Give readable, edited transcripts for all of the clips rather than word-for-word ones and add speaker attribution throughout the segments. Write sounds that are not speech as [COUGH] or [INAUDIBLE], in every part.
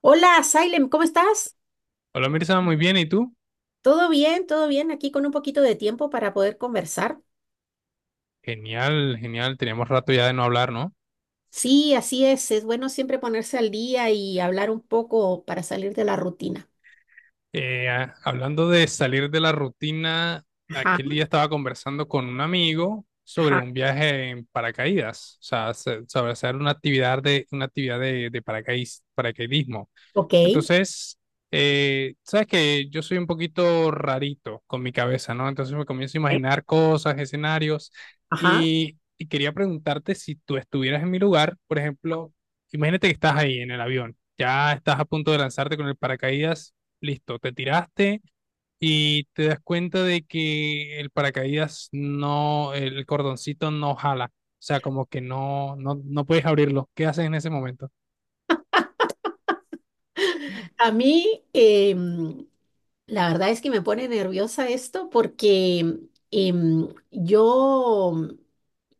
Speaker 1: Hola, Salem, ¿cómo estás?
Speaker 2: Hola Mirza, muy bien, ¿y tú?
Speaker 1: ¿Todo bien? ¿Todo bien? Aquí con un poquito de tiempo para poder conversar.
Speaker 2: Genial, genial, teníamos rato ya de no hablar, ¿no?
Speaker 1: Sí, así es. Es bueno siempre ponerse al día y hablar un poco para salir de la rutina.
Speaker 2: Hablando de salir de la rutina,
Speaker 1: Ajá,
Speaker 2: aquel día estaba conversando con un amigo sobre
Speaker 1: ajá,
Speaker 2: un viaje en paracaídas, o sea, sobre hacer una actividad de paracaidismo.
Speaker 1: ok.
Speaker 2: Entonces, sabes que yo soy un poquito rarito con mi cabeza, ¿no? Entonces me comienzo a
Speaker 1: Ok,
Speaker 2: imaginar cosas, escenarios,
Speaker 1: ajá.
Speaker 2: y quería preguntarte si tú estuvieras en mi lugar, por ejemplo, imagínate que estás ahí en el avión, ya estás a punto de lanzarte con el paracaídas, listo, te tiraste y te das cuenta de que el paracaídas no, el cordoncito no jala, o sea, como que no, no, no puedes abrirlo. ¿Qué haces en ese momento?
Speaker 1: A mí, la verdad es que me pone nerviosa esto porque yo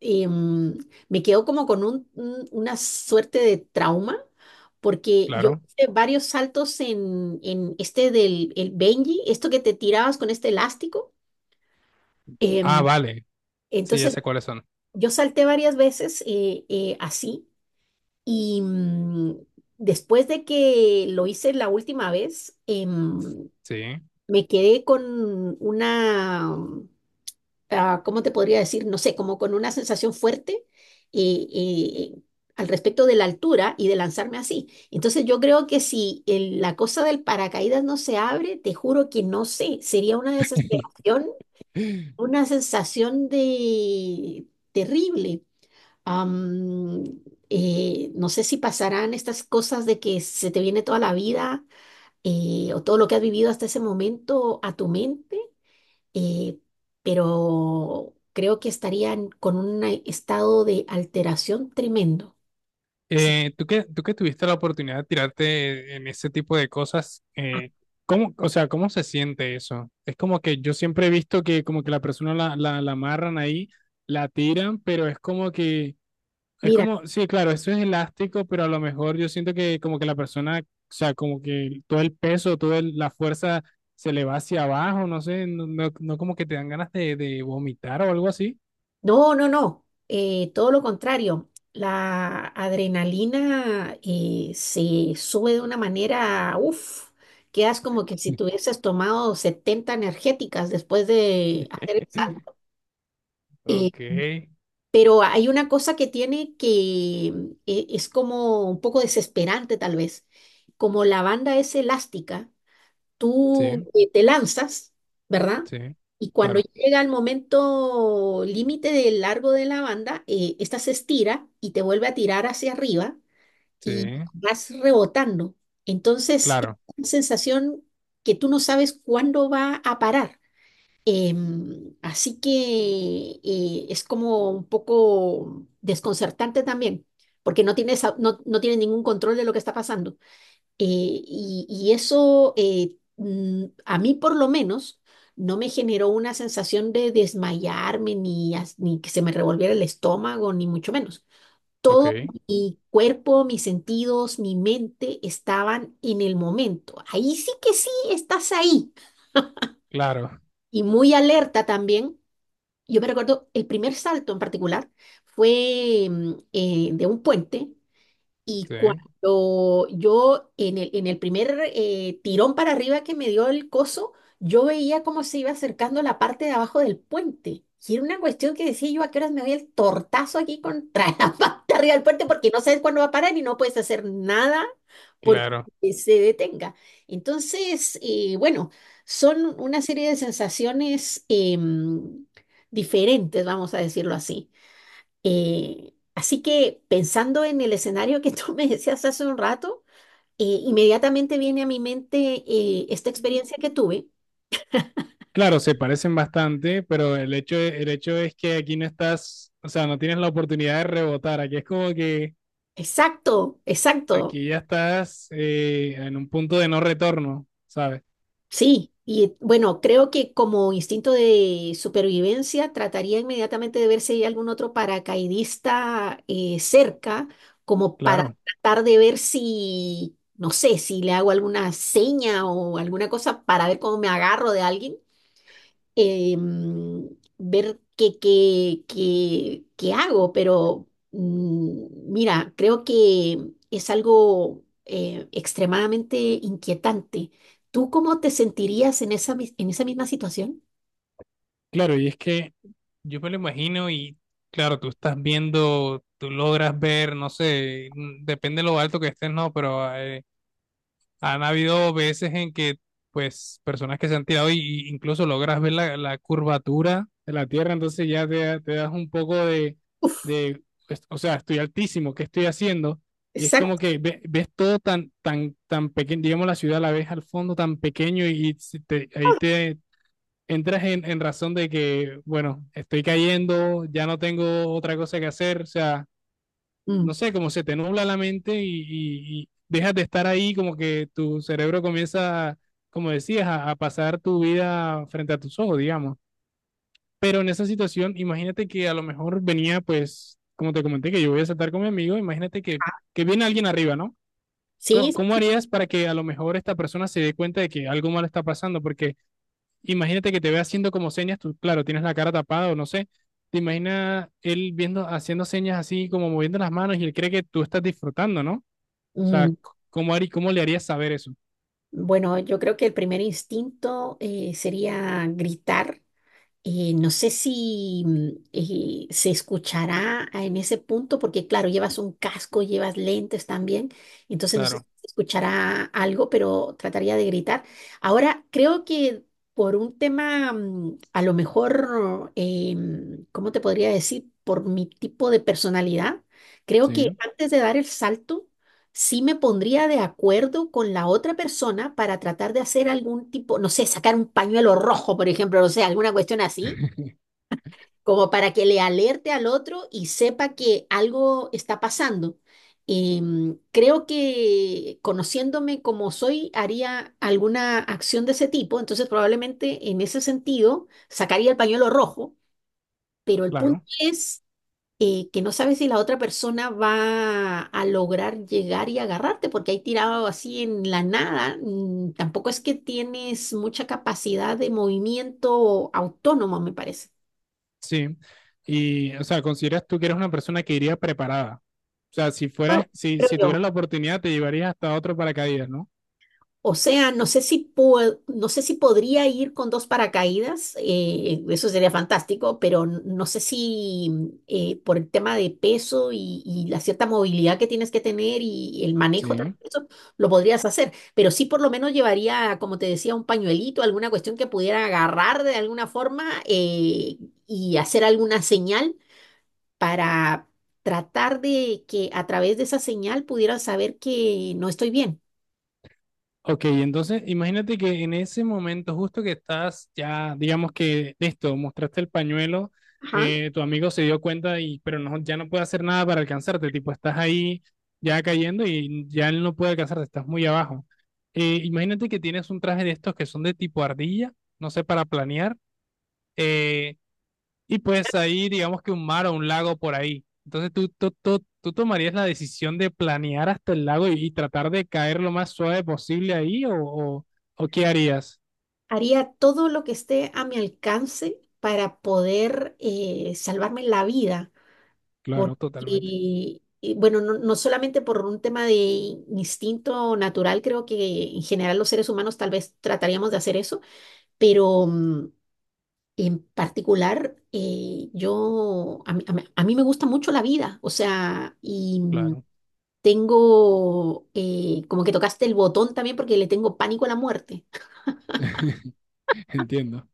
Speaker 1: em, me quedo como con una suerte de trauma porque yo
Speaker 2: Claro.
Speaker 1: hice varios saltos en este del el Benji, esto que te tirabas con este elástico.
Speaker 2: Ah,
Speaker 1: em,
Speaker 2: vale, sí, ya
Speaker 1: entonces
Speaker 2: sé cuáles son.
Speaker 1: yo salté varias veces así y después de que lo hice la última vez,
Speaker 2: Sí.
Speaker 1: me quedé con una, ah, ¿cómo te podría decir? No sé, como con una sensación fuerte y al respecto de la altura y de lanzarme así. Entonces yo creo que si la cosa del paracaídas no se abre, te juro que no sé, sería una desesperación, una sensación de terrible. Am, no sé si pasarán estas cosas de que se te viene toda la vida o todo lo que has vivido hasta ese momento a tu mente, eh, pero creo que estarían con un estado de alteración tremendo. Sí.
Speaker 2: Tú que tuviste la oportunidad de tirarte en ese tipo de cosas,
Speaker 1: Ah,
Speaker 2: ¿cómo, o sea, cómo se siente eso? Es como que yo siempre he visto que como que la persona la amarran ahí, la tiran, pero es como que, es
Speaker 1: mira,
Speaker 2: como, sí, claro, eso es elástico, pero a lo mejor yo siento que como que la persona, o sea, como que todo el peso, la fuerza se le va hacia abajo, no sé, no, no, no como que te dan ganas de vomitar o algo así.
Speaker 1: no, no, no, todo lo contrario. La adrenalina se sube de una manera, uff, quedas como que si tuvieses tomado 70 energéticas después de hacer el
Speaker 2: [LAUGHS]
Speaker 1: salto. Eh,
Speaker 2: Ok.
Speaker 1: pero hay una cosa que tiene que, es como un poco desesperante tal vez. Como la banda es elástica,
Speaker 2: Sí.
Speaker 1: tú te lanzas, ¿verdad?
Speaker 2: Sí,
Speaker 1: Y cuando
Speaker 2: claro,
Speaker 1: llega el momento límite del largo de la banda, esta se estira y te vuelve a tirar hacia arriba
Speaker 2: sí,
Speaker 1: y vas rebotando. Entonces, es
Speaker 2: claro,
Speaker 1: una sensación que tú no sabes cuándo va a parar. Así que, es como un poco desconcertante también, porque no tienes, no, no tienes ningún control de lo que está pasando. Eh, y eso, a mí por lo menos no me generó una sensación de desmayarme ni, ni que se me revolviera el estómago, ni mucho menos. Todo
Speaker 2: ok,
Speaker 1: mi cuerpo, mis sentidos, mi mente estaban en el momento. Ahí sí que sí, estás ahí.
Speaker 2: claro,
Speaker 1: Y muy alerta también. Yo me recuerdo el primer salto en particular fue de un puente y
Speaker 2: [LAUGHS] sí,
Speaker 1: cuando yo, en el primer tirón para arriba que me dio el coso, yo veía cómo se iba acercando la parte de abajo del puente. Y era una cuestión que decía yo, ¿a qué horas me doy el tortazo aquí contra [LAUGHS] la parte arriba del puente? Porque no sabes cuándo va a parar y no puedes hacer nada porque
Speaker 2: claro.
Speaker 1: se detenga. Entonces, bueno, son una serie de sensaciones diferentes, vamos a decirlo así. Así que pensando en el escenario que tú [LAUGHS] me decías hace un rato, inmediatamente viene a mi mente esta experiencia que tuve.
Speaker 2: Claro, se parecen bastante, pero el hecho es que aquí no estás, o sea, no tienes la oportunidad de rebotar. Aquí es como que
Speaker 1: Exacto, exacto,
Speaker 2: aquí ya estás en un punto de no retorno, ¿sabes?
Speaker 1: sí. Y bueno, creo que como instinto de supervivencia trataría inmediatamente de ver si hay algún otro paracaidista cerca, como para
Speaker 2: Claro,
Speaker 1: tratar de ver si, no sé, si le hago alguna seña o alguna cosa para ver cómo me agarro de alguien em, ver qué hago, pero mira, creo que es algo extremadamente inquietante. ¿Tú cómo te sentirías en esa misma situación?
Speaker 2: claro, y es que yo me lo imagino y claro, tú estás viendo, tú logras ver, no sé, mm, depende de lo alto que estés, no, pero han habido veces en que, pues, personas que se han tirado y incluso logras ver la, la curvatura de la Tierra, entonces ya te, te das un poco de, pues, o sea, estoy altísimo, ¿qué estoy haciendo? Y es como
Speaker 1: Exacto.
Speaker 2: que ves todo tan, tan, tan pequeño, digamos, la ciudad la ves al fondo tan pequeño y si ahí te entras en razón de que, bueno, estoy cayendo, ya no tengo otra cosa que hacer, o sea
Speaker 1: Mm,
Speaker 2: no sé, como se te nubla la mente y dejas de estar ahí, como que tu cerebro comienza, como decías, a pasar tu vida frente a tus ojos, digamos. Pero en esa situación, imagínate que a lo mejor venía, pues, como te comenté, que yo voy a saltar con mi amigo, imagínate que viene alguien arriba, ¿no?
Speaker 1: sí, sí,
Speaker 2: ¿Cómo
Speaker 1: sí.
Speaker 2: harías para que a lo mejor esta persona se dé cuenta de que algo malo está pasando? Porque imagínate que te ve haciendo como señas, tú, claro, tienes la cara tapada o no sé, te imaginas él viendo, haciendo señas así, como moviendo las manos y él cree que tú estás disfrutando, ¿no? O sea,
Speaker 1: Mm,
Speaker 2: ¿cómo le harías saber eso?
Speaker 1: Bueno, yo creo que el primer instinto sería gritar. No sé si se escuchará en ese punto, porque claro, llevas un casco, llevas lentes también, entonces no sé si
Speaker 2: Claro,
Speaker 1: se escuchará algo, pero trataría de gritar. Ahora, creo que por un tema, a lo mejor, ¿cómo te podría decir? Por mi tipo de personalidad, creo que
Speaker 2: sí.
Speaker 1: antes de dar el salto, sí me pondría de acuerdo con la otra persona para tratar de hacer algún tipo, no sé, sacar un pañuelo rojo, por ejemplo, no sé, alguna cuestión así,
Speaker 2: [LAUGHS]
Speaker 1: como para que le alerte al otro y sepa que algo está pasando. Creo que conociéndome como soy, haría alguna acción de ese tipo, entonces probablemente en ese sentido sacaría el pañuelo rojo, pero el punto
Speaker 2: Claro,
Speaker 1: es que no sabes si la otra persona va a lograr llegar y agarrarte, porque ahí tirado así en la nada, tampoco es que tienes mucha capacidad de movimiento autónomo, me parece.
Speaker 2: sí. Y, o sea, ¿consideras tú que eres una persona que iría preparada? O sea, si
Speaker 1: Oh,
Speaker 2: fueras,
Speaker 1: creo
Speaker 2: si
Speaker 1: yo.
Speaker 2: tuvieras la oportunidad, te llevarías hasta otro paracaídas, ¿no?
Speaker 1: O sea, no sé si podría ir con dos paracaídas, eso sería fantástico, pero no sé si por el tema de peso y la cierta movilidad que tienes que tener y el manejo,
Speaker 2: Sí.
Speaker 1: también, eso lo podrías hacer, pero sí por lo menos llevaría, como te decía, un pañuelito, alguna cuestión que pudiera agarrar de alguna forma y hacer alguna señal para tratar de que a través de esa señal pudieran saber que no estoy bien.
Speaker 2: Ok, entonces imagínate que en ese momento justo que estás ya, digamos que listo, mostraste el pañuelo,
Speaker 1: Ajá.
Speaker 2: tu amigo se dio cuenta y pero no, ya no puede hacer nada para alcanzarte, tipo estás ahí ya cayendo y ya él no puede alcanzarte, estás muy abajo. Imagínate que tienes un traje de estos que son de tipo ardilla, no sé, para planear. Eh, y pues ahí, digamos que un mar o un lago por ahí. Entonces tú tomarías la decisión de planear hasta el lago y tratar de caer lo más suave posible ahí o qué harías.
Speaker 1: Haría todo lo que esté a mi alcance para poder salvarme la vida,
Speaker 2: Claro,
Speaker 1: porque,
Speaker 2: totalmente.
Speaker 1: bueno, no, no solamente por un tema de instinto natural, creo que en general los seres humanos tal vez trataríamos de hacer eso, pero en particular yo, a mí me gusta mucho la vida, o sea, y
Speaker 2: Claro.
Speaker 1: tengo, como que tocaste el botón también porque le tengo pánico a la muerte.
Speaker 2: [LAUGHS] Entiendo.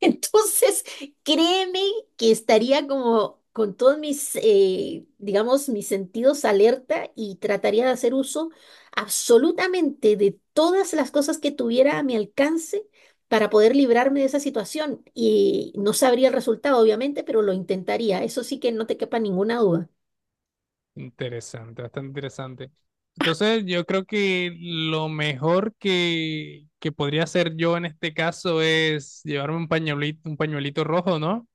Speaker 1: Entonces, créeme que estaría como con todos mis, digamos, mis sentidos alerta y trataría de hacer uso absolutamente de todas las cosas que tuviera a mi alcance para poder librarme de esa situación. Y no sabría el resultado, obviamente, pero lo intentaría. Eso sí que no te quepa ninguna duda.
Speaker 2: Interesante, bastante interesante. Entonces, yo creo que lo mejor que podría hacer yo en este caso es llevarme un pañuelito rojo, ¿no?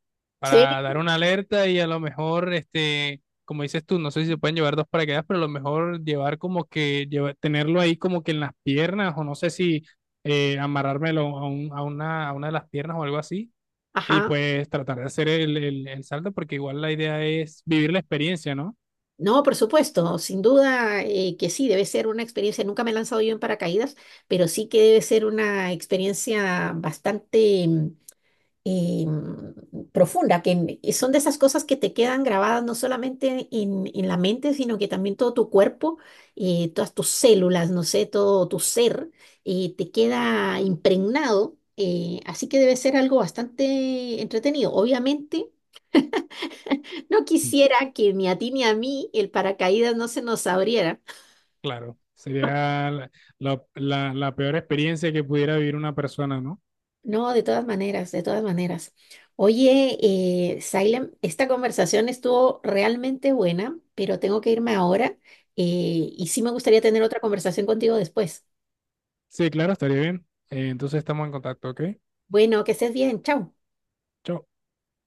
Speaker 1: Sí,
Speaker 2: Para dar una alerta y a lo mejor, este, como dices tú, no sé si se pueden llevar dos paracaídas, pero a lo mejor llevar como que, tenerlo ahí como que en las piernas o no sé si amarrármelo a una de las piernas o algo así y
Speaker 1: ajá.
Speaker 2: pues tratar de hacer el, el salto porque igual la idea es vivir la experiencia, ¿no?
Speaker 1: No, por supuesto, sin duda que sí, debe ser una experiencia, nunca me he lanzado yo en paracaídas, pero sí que debe ser una experiencia bastante profunda, que y son de esas cosas que te quedan grabadas no solamente en la mente, sino que también todo tu cuerpo, todas tus células, no sé, todo tu ser, te queda impregnado, así que debe ser algo bastante entretenido. Obviamente no quisiera que ni a ti ni a mí el paracaídas no se nos abriera.
Speaker 2: Claro, sería la, la peor experiencia que pudiera vivir una persona, ¿no?
Speaker 1: No, de todas maneras, de todas maneras. Oye, Sailem, esta conversación estuvo realmente buena, pero tengo que irme ahora y sí me gustaría tener otra conversación contigo después.
Speaker 2: Sí, claro, estaría bien. Entonces estamos en contacto, ¿ok?
Speaker 1: Bueno, que estés bien, chao.
Speaker 2: Chao.